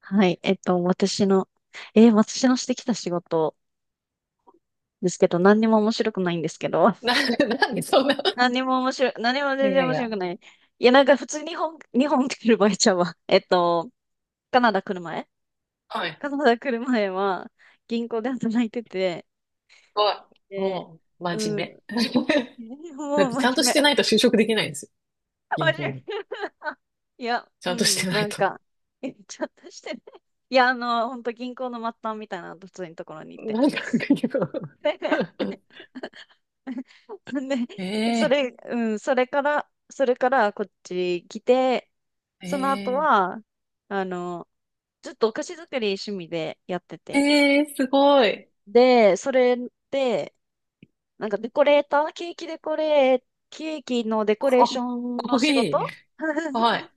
はい。私のしてきた仕事ですけど、何にも面白くないんですけど、な、なんでそんな。何もい全や然い面白や。くない。いや、なんか普通日本、日本来る場合ちゃうわ。カナダ来る前はい。カナダ来る前は、銀行で働いてて、は、で、もう、う真ん、面 目。だっもうてちゃん真とし面てない目。と就職できないんですよ。銀真行面に。目。いや、ちうゃんとしてん、なないんと。か、え、ちょっとしてね。いや、あの、本当銀行の末端みたいな、普通のところに行って。なんか、そんで、ええうん、それからこっち来て、えその後えは、あの、ずっとお菓子作り趣味でやってて。ええすごい。で、それで、デコレーター、ケーキデコレー、ケーキのデコレかーショっンのこ仕いい。事 は い。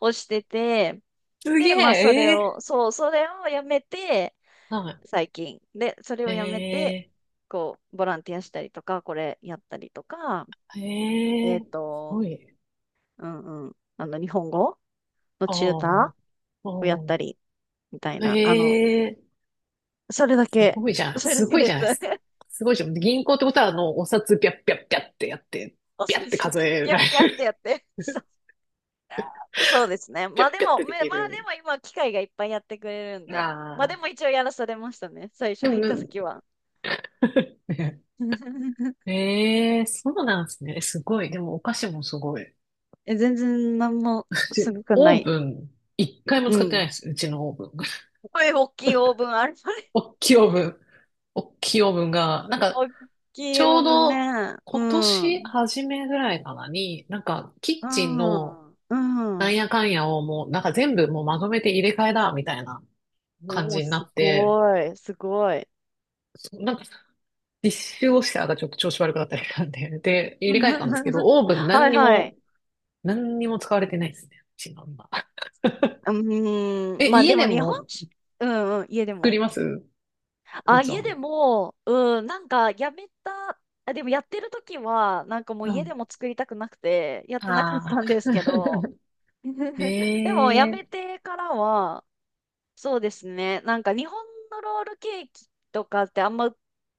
をしてて、すげで、え、ええそれをやめて、はい。最近。で、それをやめて、ええこう、ボランティアしたりとか、これやったりとか、えええっすと、ごい。うんうん。あの、日本語のあチューあ、ターをやったあり、みたいな。あの、あ、ええそれだすけ、ごいじ ゃん。それだすけごいでじす。ゃないですか。すごいじゃん。銀行ってことは、お札ピャッピャッピャッってやって、おすピャッてす数ピャッえピャらッれピャッってやる。って。そう、そうですね。ピまャあッでピャッっも、てめできまあでる。も今、機械がいっぱいやってくれるんで。まあでああ。も一応やらされましたね。最初でも入っね、た時は。ええそうなんですね。すごい。でもお菓子もすごい。え、全然なんもすでごくなオーい。ブン、一回もう使ってないん。です。うちのオーブン。これ大きいオーブンある。おっきいオーブン。おっきいオーブンが、なんか、大きちいオょーうブンどね。う今年ん。初めぐらいかなに、なんか、キうッチンのなん。うんん。やかんやをもう、なんか全部もうまとめて入れ替えだ、みたいな感おお、じになすって、ごい、すごい。そなんか、実習をしてたらちょっと調子悪くなったりしたんで、で、入れ替えたんですけど、オーブンは何いにはい。も、何にも使われてないですね。うちの今。うーん、え、まあで家もで日本も酒、うんうん、家で作も。りますうあ、つ家でん。も、うん、なんかやめた、あ、でもやってる時は、なんかもうう家でん。も作りたくなくて、やってなくなっああ。たんですけど、でもやえめえてからは、そうですね。なんか日本のロールケーキとかってあんま売っ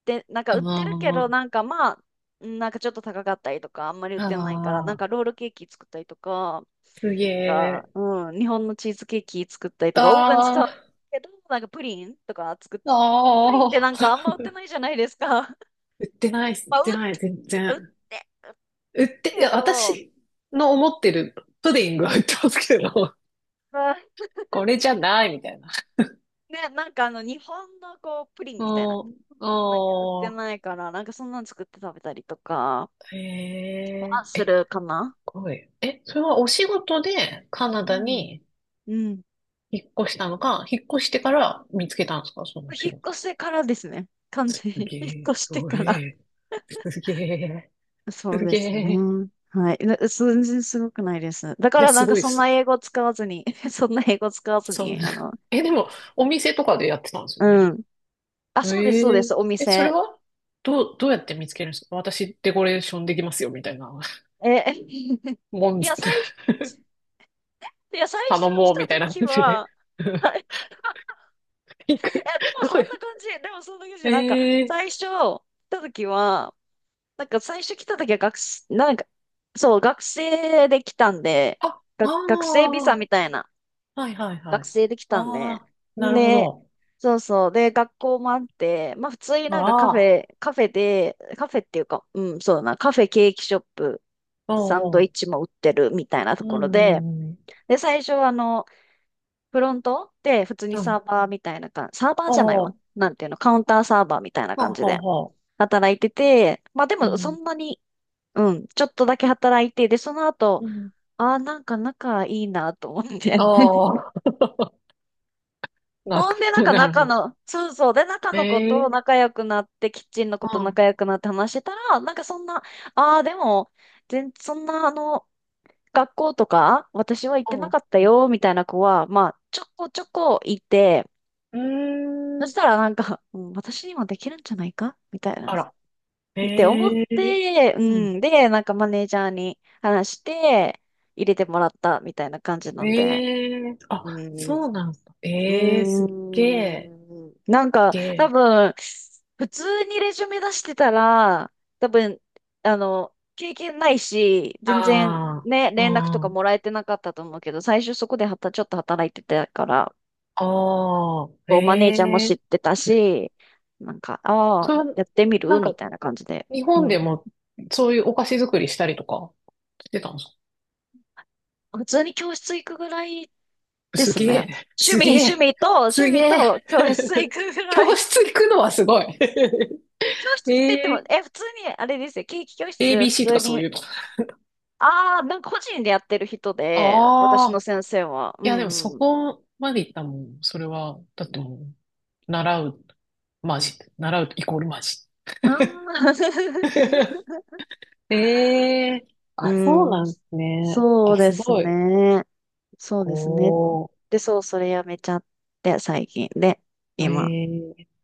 て、なんかあ売ってるけど、のなんかまあ、うんなんかちょっと高かったりとか、あんまり売ってないから、あなんあ、かロールケーキ作ったりとか、すげなんか、え。うん、日本のチーズケーキ作ったりとか、オーブン使うあけど、なんかプリンとか作っ、プリンってあ、なあんあ。かあんま売ってないじゃないですか。売ってないっす、売ってない、全売っ然。てる売って、いけや、ど、私の思ってるプディングは売ってますけど、まあ、これじゃないみたいな。ね、なんかあの日本のこう、プリンうみたいな、ん、なんか売っうてん、ないから、なんかそんなの作って食べたりとか、えはー、え、すするかなごい。え、それはお仕事でカナうダん。にうん。引っ越したのか、引っ越してから見つけたんですか、その引仕っ事。越してからですね。完す全に。げ 引っえ、越しすてごい。から。すげえ、そうすでげすえ。ね。はい。な全然すごくないです。だかいや、らなすんかごいっそんなす。英語使わずに、そんな英語使わずそんな。に、あ の、え、でも、お店とかでやってたんですようね。ん。あ、えそうです、そうです、おええ、それ店。はどう、どうやって見つけるんですか私デコレーションできますよ、みたいな。え、も ん、いや、最、いや、最初頼来もう、たみたいな時感じで。は、はい 行く。どうや、でもそんな感じ。なんか、ええ最初来た時は、なんか最初来た時は学生、なんか、そう、学生で来たんで、あ、あが学生ビザあ、みたいな、はいはいは学い。生で来たんあで、あ、なるほで、ど。そうそう、で、学校もあって、まあ普通になんかカフああ、ェ、カフェで、カフェっていうか、うん、そうだな、カフェ、ケーキショップ、サンおドうイッチおも売ってるみたいなとう、うころで、ん、うんで、最初はあの、フロントで普通にうん、はサい。ーバーみたいな感じ、サーバーおじゃないわ。うなんていうの、カウンターサーバーみたいなおう感じほうでほう、ははは働いてて、まあでうもそん、んなにうん、ちょっとだけ働いて、で、その後、うん。ああ、なんか仲いいなと思って。ああ、なんほか、んで、なんかなる仲ほど。の、そうそう、で、仲の子とええ仲良くなって、キッチンの子うとん、う仲良くなって話してたら、なんかそんな、ああ、でも、全、そんな、あの、学校とか、私は行ってなん、かったよ、みたいな子は、まあ、ちょこちょこいて、うーそしん、たらなんか、うん、私にもできるんじゃないかみたいな。あら。って思っええて、ううん。ん。で、なんかマネージャーに話して、入れてもらったみたいな感じなんで。ええあ、うん。うそうなんですか。ええすっげえ、ーん。げ普通にレジュメ出してたら、多分、あの、経験ないし、全然あね、あー、連絡とかうん、もらえてなかったと思うけど、最初そこではた、ちょっと働いてたから、あこう、マネージャーもあ、え知っえてたし、なんか、あそあ、れは、やってみなるんみか、たいな感じで。日本でも、そういうお菓子作りしたりとか、してたんですか普通に教室行くぐらいですすね。げえ、すげえ、趣すげ味え。と教室行 くぐら教い。室行くのはすごい。教室って言っても、ええ え、普通に、あれですよ、ケーキ教室、普 ABC と通かそういに。うの。ああ、なんか個人でやってる人で、私あのあ、先生は。ういやでもそん。こまで行ったもん、それは。だってもう、習う、まあ、し習うイコールまあ、しああ、ええうあ、そうん。なんですね。そあ、うですすごい。ね。そうですね。おー、で、そう、それやめちゃって、最近。で、今、ええ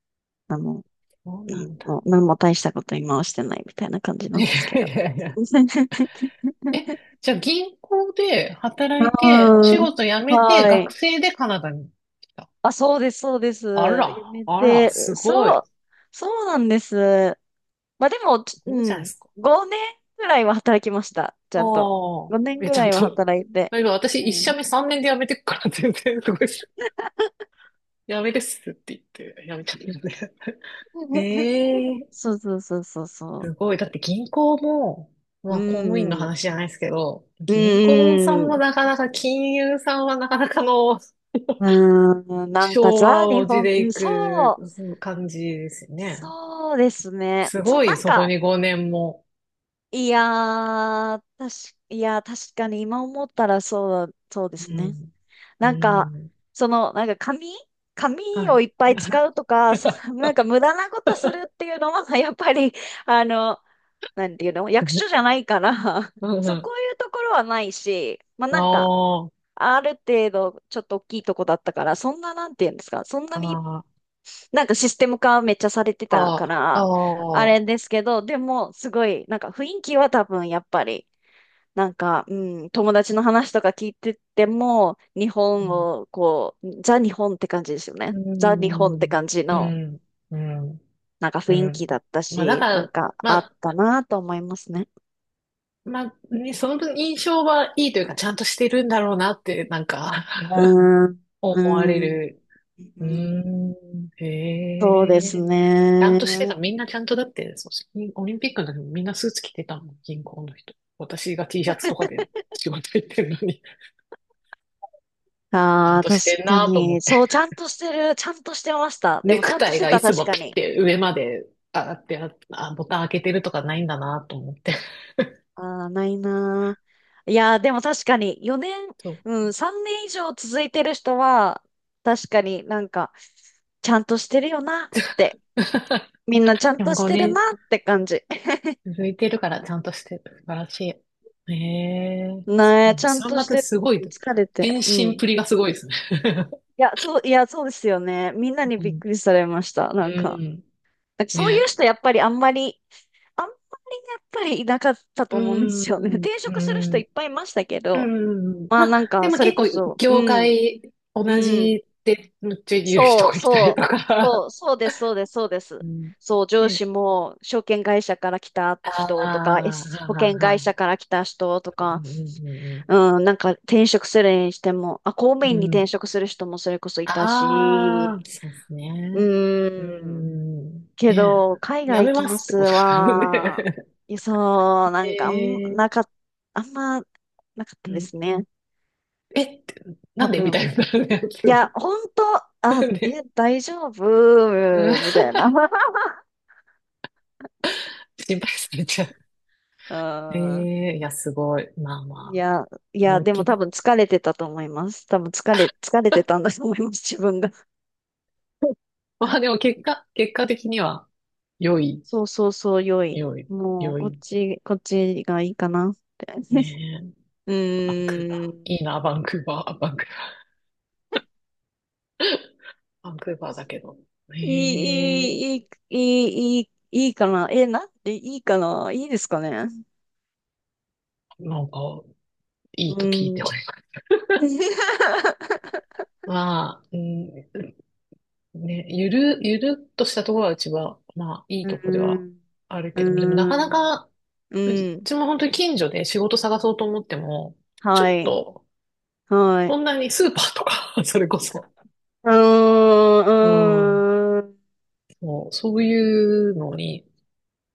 あの、うんそうなんだ。もう何も大したこと今はしてないみたいな感じ ないんですけやいど。やいや。え、じゃあ銀行で働いて、お仕うん。事辞めて、は学い。生でカナダに来た。あ、そうです、そうです。あやら、めあら、て、すごい。そう、すそうなんです。まあでも、ちごいうじゃないん。ですか。5年ぐらいは働きました。ちあゃんと。あ、5年いや、ぐちらゃんいはと、働いて。今私う一ん。社目3年で辞めてくから全然すごいっす。辞めですって言って辞めちゃったよね。ええそうそうそうそうそすごい。だって銀行も、う。うまあ公務員のん。話じゃないですけど、う銀行さんもん。なかなか、金融さんはなかなかの うーん。なんか昭ザ・和日を地本、でうん、いそくう。感じですよね。そうですね。すそごう、い、なんそこか、に5年も。いやー、確かに今思ったらそう、そうでうすね。ん。うなんか、ん。その、紙はをい。いっぱい使うと か、その、なんか無駄なことするっていうのは、やっぱり、あの、なんていうの、役所じゃないから、うんうそう、こん。ういうところはないし、まああなんか、ーある程度、ちょっと大きいとこだったから、そんな、なんていうんですか、そんなあに、ー、なんかシステム化めっちゃされてたあかーあら、あれー、ですけど、でも、すごい、なんか雰囲気は多分、やっぱり、なんか、うん、友達の話とか聞いてても、日う本ん、を、こう、ザ日本って感じですようね。ザ日本ってん、感じうの、ん、うん。なんか雰う囲気だんったまあ、だし、かなんら、かまあっあ、たなと思いますね。まあね、その印象はいいというか、ちゃんとしてるんだろうなって、なんか うーん、う思ーわれん、る。ううーんん、へそうですえ。ちゃんとしてた。ね。みんなちゃんとだって、そうオリンピックの時もみんなスーツ着てたもん、銀行の人。私が T シャツとかで仕事行ってるのに、ちゃあんあ、と確してんかなと思っに。て。そう、ちゃんとしてる、ちゃんとしてました。でネも、ちゃクんとタしイてがた、いつ確もかピッに。て上まで上がってあ、あボタン開けてるとかないんだなと思って。ああ、ないなー。いやー、でも確かに4年、そう。うん、3年以上続いてる人は、確かになんか、ちゃんとしてるよなって、みんなちゃんでもとしてる5年、なって感じ。続いてるからちゃんとしてる。素晴らしい。ええねえ、ちゃん三とし幕てすごい。る。疲れて。献う身ん。プリがすごいですね。いや、そうですよね。みんなに うびっくん。りされました。なんか、なんかそういうね人やっぱりあんまり、あんまりやっぱりいなかったとう思うんでん。すよね。ね。転う職する人いん。っぱいいましたけうど、ん。うん。まあまなんあ、でか、もそれ結こ構、そ、う業ん、界同うん。じってめっちゃ言う人そう、がいたそりとう、か。そうです、そうです、そうです。うん。そう、上司ね。も証券会社から来たああ、人とか、は S あ保はあ険は会あ。社から来た人とうんか、うんうん、なんか転職するにしても、あ、公務うん員うにん。う転ん。職する人もそれこそいたああ、し、そうですね。うーうん、ん、けねど、海え。や外行めきまますってすことなのは、で。いやそう、なんかあん、えなー、かっ、あんま、なかっうたでん、すね。え、って多なんでみ分。たいなやつ。いや、本当、なあ、え、で、大丈うん、夫みたいな。心配されちゃう。えああ、えいや、すごい。まあいまあ、や、いや、思いっでもき多り。分疲れてたと思います。多分疲れ、疲れてたんだと思います、自分が。まあでも結果、結果的には、良い、そうそうそう、良い。良い、もう、良こっい。ち、こっちがいいかなって。ねえ、うバンクーーバー。ん。いいな、バンクーバー、バンクーバー。バンクーバーだけど。ええいい、いい、いい、いい、いい、いいかな。え、なんでいいかな。いいですかね。なんか、いういと聞いーん。てます。うまあ、うん、ね、ゆる、ゆるっとしたところはうちは、まあ、いーいとこではん。あるうーけども、でもなかなん。か、ううん。ちも本当に近所で仕事探そうと思っても、ちょはっい。と、はい。そんなにスーパーとか それこそ、うーん。うん、うーんそう、そういうのに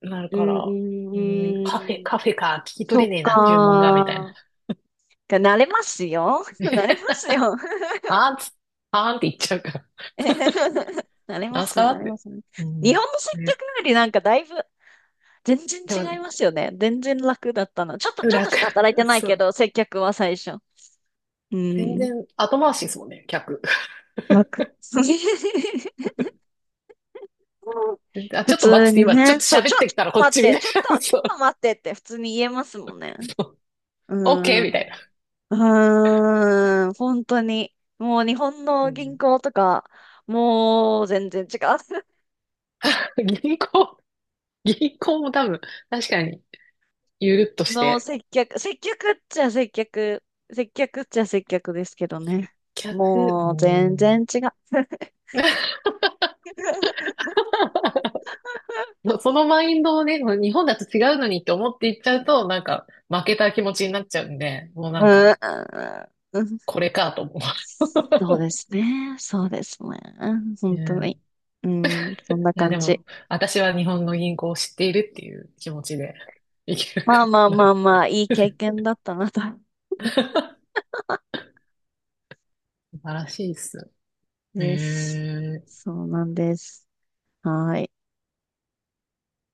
なるうかんうら、うん、カフェ、んうん。カフェか、聞きそ取れっねえな、注文が、みたいな。かー。慣れますよ。慣れま すよ。あーんつ、あーんって言っちゃうから。えへへへ慣れまなんすす、か慣っれまて。す。う日ん。本の接ね。客よりなんかだいぶ全然でも、違いますよね。全然楽だったな。ちょっと楽。しか働いて ないそけう。ど、接客は最初。う全ん。然後回しですもんね、客。楽。あ、普ちょっと待っ通てて、に今ちょっね。とそう、喋ってっからこっちみたいな。ちょそっうと待ってって普通に言えますもんね。そう。う OK？ みたいな。ん。うーん、本当に。もう日本うの銀ん、行とか、もう全然違銀行、銀行も多分、確かに、ゆるっとう。しのて。接客、接客っちゃ接客、接客っちゃ接客ですけどね。接客、うもう全然ん。違う。もうそのマインドをね、もう日本だと違うのにって思っていっちゃうと、なんか、負けた気持ちになっちゃうんで、もうなんうか、ん、うんこれかと思う。そうで すね。そうですね。う本当に。んうん、そいんなや、感でじ。も、私は日本の銀行を知っているっていう気持ちでいけるまあかまあな。まあまあ、いい経験だったなと。晴らしいっす。へです。え。そうなんです。はい。